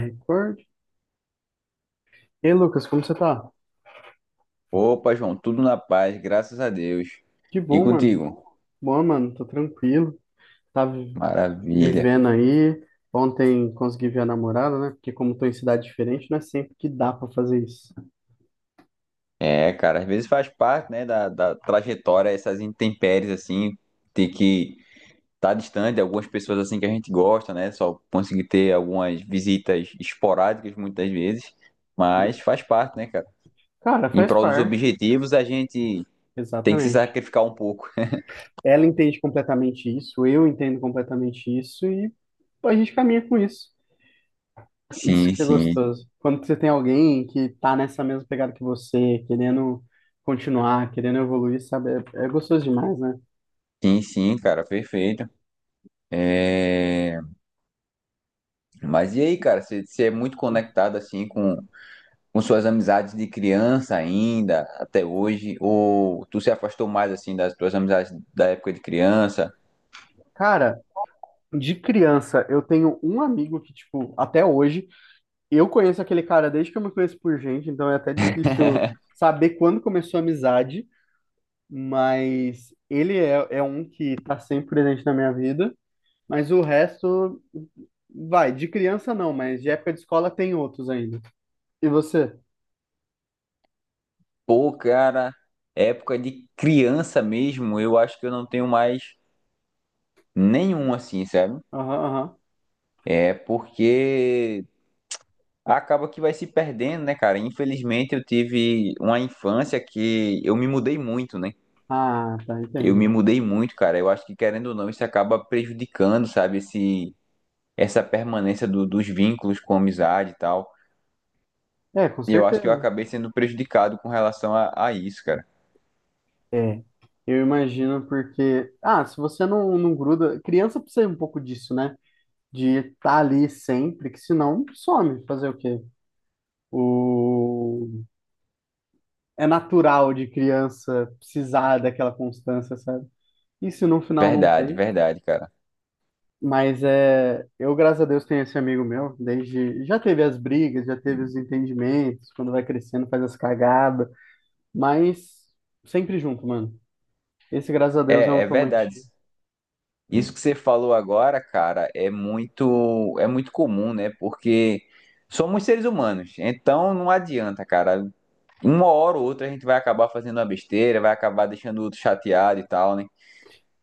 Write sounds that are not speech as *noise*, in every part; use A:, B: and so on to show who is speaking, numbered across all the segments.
A: Concordo. E Lucas, como você tá?
B: Opa, João, tudo na paz, graças a Deus.
A: Que
B: E
A: bom, mano.
B: contigo?
A: Boa, mano, tô tranquilo. Tá vi-
B: Maravilha.
A: Vivendo aí. Ontem consegui ver a namorada, né? Porque como tô em cidade diferente, não é sempre que dá pra fazer isso.
B: É, cara, às vezes faz parte, né, da trajetória, essas intempéries, assim, ter que estar distante de algumas pessoas, assim, que a gente gosta, né? Só conseguir ter algumas visitas esporádicas, muitas vezes, mas faz parte, né, cara?
A: Cara,
B: Em
A: faz
B: prol dos
A: parte.
B: objetivos, a gente tem que se
A: Exatamente.
B: sacrificar um pouco.
A: Ela entende completamente isso, eu entendo completamente isso e a gente caminha com isso.
B: *laughs*
A: Isso
B: Sim,
A: que é
B: sim.
A: gostoso. Quando você tem alguém que tá nessa mesma pegada que você, querendo continuar, querendo evoluir, sabe? É gostoso demais, né?
B: Sim, sim, cara, perfeito. É... Mas e aí, cara, você é muito conectado, assim, com suas amizades de criança ainda, até hoje? Ou tu se afastou mais assim das tuas amizades da época de criança?
A: Cara, de criança, eu tenho um amigo que, tipo, até hoje, eu conheço aquele cara desde que eu me conheço por gente, então é até difícil
B: *laughs*
A: saber quando começou a amizade, mas ele é um que tá sempre presente na minha vida, mas o resto, vai, de criança não, mas de época de escola tem outros ainda. E você?
B: Pô, cara, época de criança mesmo, eu acho que eu não tenho mais nenhum assim, sabe?
A: Aham, aham.
B: É porque acaba que vai se perdendo, né, cara? Infelizmente eu tive uma infância que eu me mudei muito, né?
A: Ah, tá,
B: Eu
A: entendo.
B: me mudei muito, cara. Eu acho que querendo ou não, isso acaba prejudicando, sabe, esse essa permanência dos vínculos com a amizade e tal.
A: É, com
B: E eu acho que eu
A: certeza.
B: acabei sendo prejudicado com relação a isso, cara.
A: É. Eu imagino porque, ah, se você não gruda, criança precisa um pouco disso, né? De estar ali sempre, que senão some. Fazer o quê? O... É natural de criança precisar daquela constância, sabe? E se no final não
B: Verdade,
A: tem?
B: verdade, cara.
A: Mas é, eu, graças a Deus, tenho esse amigo meu, desde, já teve as brigas, já teve os entendimentos, quando vai crescendo faz as cagadas, mas sempre junto, mano. Esse, graças a Deus, é um
B: É, é
A: que eu
B: verdade.
A: mantive.
B: Isso que você falou agora, cara, é muito comum, né? Porque somos seres humanos, então não adianta, cara. Uma hora ou outra a gente vai acabar fazendo uma besteira, vai acabar deixando o outro chateado e tal, né?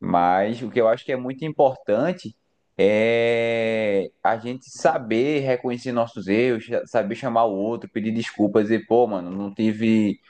B: Mas o que eu acho que é muito importante é a gente saber reconhecer nossos erros, saber chamar o outro, pedir desculpas, dizer, pô, mano,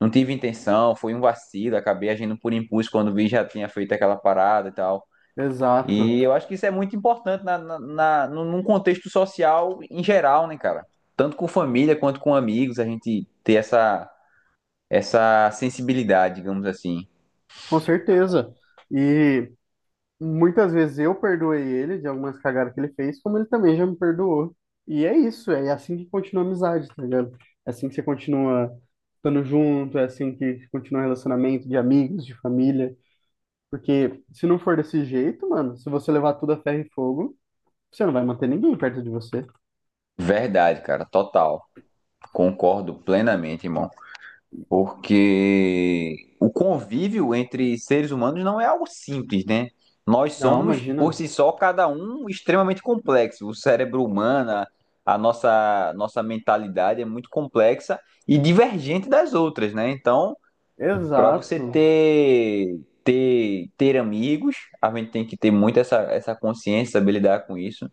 B: Não tive intenção, foi um vacilo, acabei agindo por impulso quando vi já tinha feito aquela parada e tal.
A: Exato,
B: E eu acho que isso é muito importante num num contexto social em geral, né, cara? Tanto com família quanto com amigos, a gente ter essa sensibilidade, digamos assim.
A: com certeza. E muitas vezes eu perdoei ele de algumas cagadas que ele fez, como ele também já me perdoou. E é isso, é assim que continua a amizade, tá ligado? É assim que você continua estando junto, é assim que continua o relacionamento de amigos, de família. Porque se não for desse jeito, mano, se você levar tudo a ferro e fogo, você não vai manter ninguém perto de você.
B: Verdade, cara, total. Concordo plenamente, irmão. Porque o convívio entre seres humanos não é algo simples, né? Nós
A: Não,
B: somos, por
A: imagina.
B: si só, cada um extremamente complexo. O cérebro humano, a nossa mentalidade é muito complexa e divergente das outras, né? Então, para você
A: Exato.
B: ter amigos, a gente tem que ter muito essa consciência, saber lidar com isso.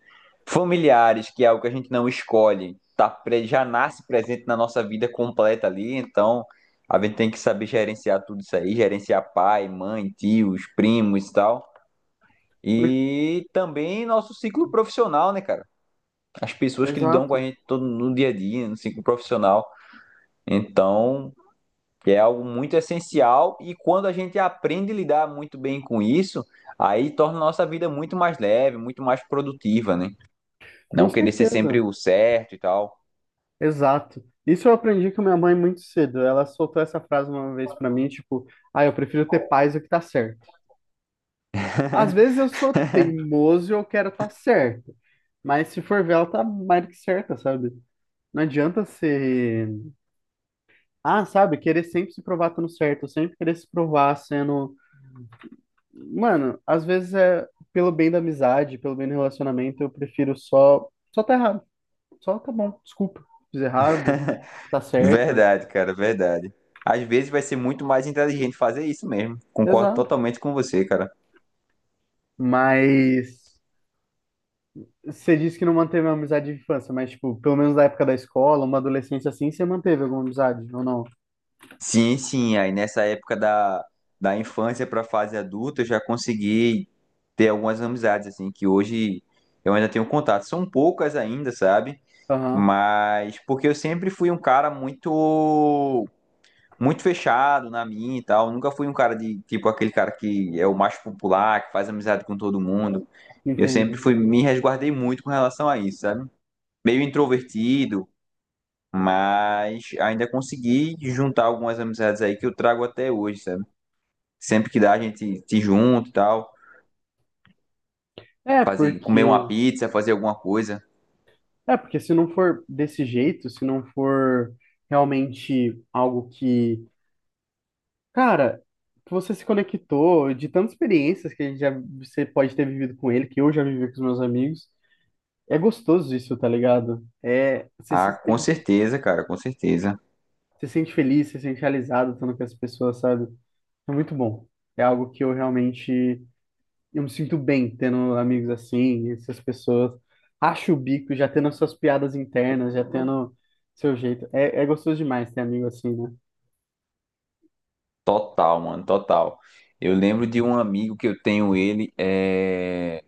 B: Familiares, que é algo que a gente não escolhe, tá, já nasce presente na nossa vida completa ali, então a gente tem que saber gerenciar tudo isso aí, gerenciar pai, mãe, tios, primos e tal.
A: Por-
B: E também nosso ciclo profissional, né, cara? As pessoas que lidam com a
A: Exato.
B: gente todo no dia a dia, no ciclo profissional. Então, que é algo muito essencial e quando a gente aprende a lidar muito bem com isso, aí torna a nossa vida muito mais leve, muito mais produtiva, né?
A: Com
B: Não querer ser sempre
A: certeza.
B: o certo e tal.
A: Exato. Isso eu aprendi com minha mãe muito cedo. Ela soltou essa frase uma vez pra mim, tipo, ah, eu prefiro ter paz do que tá certo. Às vezes
B: *laughs*
A: eu sou teimoso e eu quero estar certo, mas se for ver, ela tá mais do que certa, sabe? Não adianta ser, ah, sabe, querer sempre se provar estando certo, sempre querer se provar sendo, mano, às vezes é pelo bem da amizade, pelo bem do relacionamento, eu prefiro só tá errado. Só tá bom, desculpa. Fiz errado, tá certa.
B: Verdade, cara, verdade. Às vezes vai ser muito mais inteligente fazer isso mesmo. Concordo
A: Exato.
B: totalmente com você, cara.
A: Mas você disse que não manteve uma amizade de infância, mas, tipo, pelo menos da época da escola, uma adolescência assim, você manteve alguma amizade, ou não?
B: Sim, sim, aí nessa época da infância para a fase adulta, eu já consegui ter algumas amizades assim que hoje eu ainda tenho contato. São poucas ainda, sabe?
A: Aham,
B: Mas porque eu sempre fui um cara muito fechado na minha e tal, nunca fui um cara de tipo aquele cara que é o mais popular, que faz amizade com todo mundo. Eu sempre
A: entendo.
B: fui me resguardei muito com relação a isso, sabe? Meio introvertido, mas ainda consegui juntar algumas amizades aí que eu trago até hoje, sabe? Sempre que dá a gente se junta e tal,
A: É,
B: fazer comer uma
A: porque,
B: pizza, fazer alguma coisa.
A: é, porque se não for desse jeito, se não for realmente algo que, cara, que você se conectou de tantas experiências que a gente já, você pode ter vivido com ele, que eu já vivi com os meus amigos, é gostoso isso, tá ligado? É,
B: Ah, com certeza, cara, com certeza.
A: você se sente feliz, você se sente realizado estando com as pessoas, sabe? É muito bom. É algo que eu realmente eu me sinto bem tendo amigos assim, essas pessoas. Acho o bico, já tendo as suas piadas internas, já tendo seu jeito. É gostoso demais ter amigo assim, né?
B: Total, mano, total. Eu lembro de um amigo que eu tenho,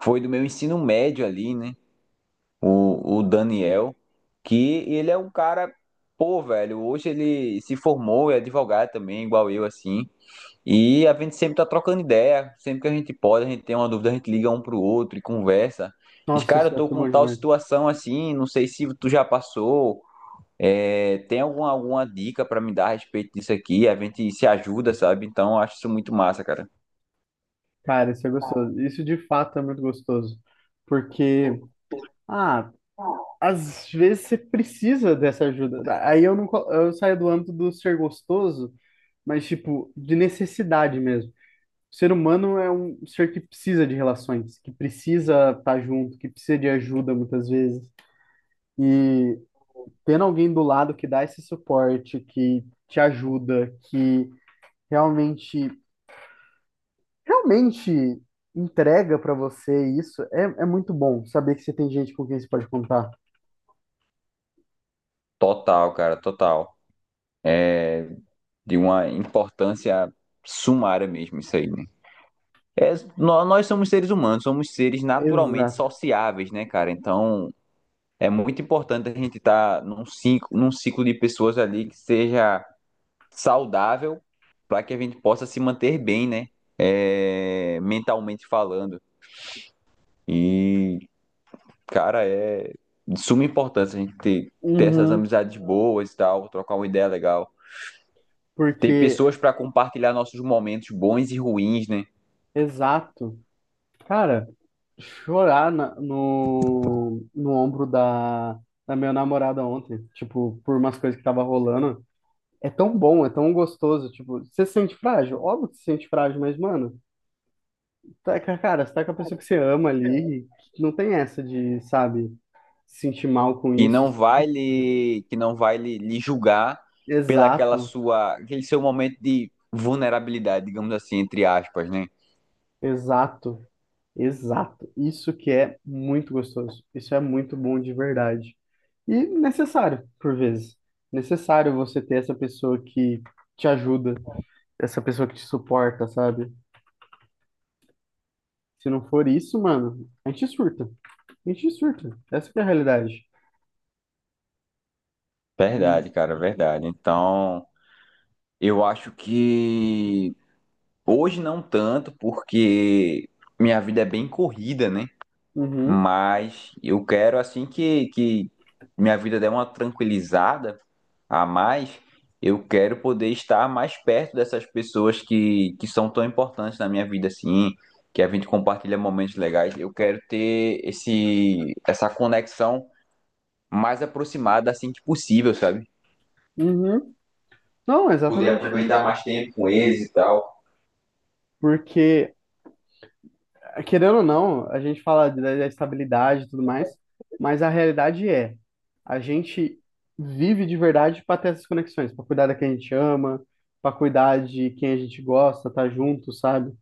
B: foi do meu ensino médio ali, né? O Daniel, que ele é um cara, pô, velho, hoje ele se formou, é advogado também, igual eu, assim. E a gente sempre tá trocando ideia, sempre que a gente pode, a gente tem uma dúvida, a gente liga um pro outro e conversa. Diz,
A: Nossa,
B: cara, eu
A: isso é
B: tô
A: tudo
B: com
A: bom
B: tal
A: demais.
B: situação assim, não sei se tu já passou, é, tem alguma, alguma dica pra me dar a respeito disso aqui? A gente se ajuda, sabe? Então, eu acho isso muito massa, cara.
A: Cara, isso é gostoso. Isso de fato é muito gostoso. Porque, ah, às vezes você precisa dessa ajuda. Aí eu não, eu saio do âmbito do ser gostoso, mas tipo, de necessidade mesmo. O ser humano é um ser que precisa de relações, que precisa estar junto, que precisa de ajuda muitas vezes. E tendo alguém do lado que dá esse suporte, que te ajuda, que realmente, realmente entrega para você isso, é muito bom saber que você tem gente com quem você pode contar.
B: Total, cara, total. De uma importância sumária mesmo, isso aí, né? É, nós somos seres humanos, somos seres naturalmente
A: Exato.
B: sociáveis, né, cara? Então, é muito importante a gente estar num ciclo de pessoas ali que seja saudável para que a gente possa se manter bem, né? É, mentalmente falando. E, cara, é de suma importância a gente ter essas
A: Uhum,
B: amizades boas e tal, trocar uma ideia legal. Ter
A: porque,
B: pessoas para compartilhar nossos momentos bons e ruins, né?
A: exato. Cara, chorar no ombro da, da minha namorada ontem, tipo, por umas coisas que tava rolando. É tão bom, é tão gostoso, tipo, você se sente frágil? Óbvio que se sente frágil, mas, mano, tá, cara, você tá com a pessoa que você ama ali, não tem essa de, sabe, se sentir mal com
B: Que
A: isso.
B: não vai lhe, que não vai lhe, lhe julgar pela aquela
A: Exato,
B: sua, aquele seu momento de vulnerabilidade, digamos assim, entre aspas, né?
A: exato. Exato. Isso que é muito gostoso. Isso é muito bom de verdade. E necessário, por vezes. Necessário você ter essa pessoa que te ajuda, essa pessoa que te suporta, sabe? Se não for isso, mano, a gente surta. A gente surta. Essa que é a realidade. E,
B: Verdade, cara, verdade. Então, eu acho que hoje não tanto, porque minha vida é bem corrida, né?
A: uhum,
B: Mas eu quero, assim que minha vida der uma tranquilizada a mais, eu quero poder estar mais perto dessas pessoas que são tão importantes na minha vida, assim, que a gente compartilha momentos legais. Eu quero ter essa conexão mais aproximada assim que possível, sabe?
A: uhum. Não, é
B: Poder
A: exatamente
B: aproveitar
A: isso.
B: mais tempo com eles e tal.
A: Porque querendo ou não, a gente fala da estabilidade e tudo mais, mas a realidade é, a gente vive de verdade para ter essas conexões, para cuidar da quem a gente ama, para cuidar de quem a gente gosta, tá junto, sabe?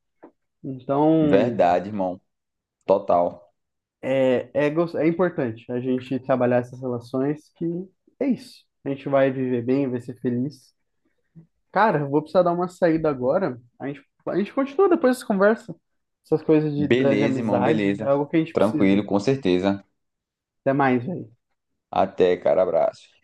A: Então,
B: Verdade, irmão. Total.
A: é importante a gente trabalhar essas relações que é isso. A gente vai viver bem, vai ser feliz. Cara, eu vou precisar dar uma saída agora. A gente continua depois dessa conversa. Essas coisas de, de
B: Beleza, irmão,
A: amizade é
B: beleza.
A: algo que a gente precisa.
B: Tranquilo, com certeza.
A: Até mais, velho.
B: Até, cara, abraço.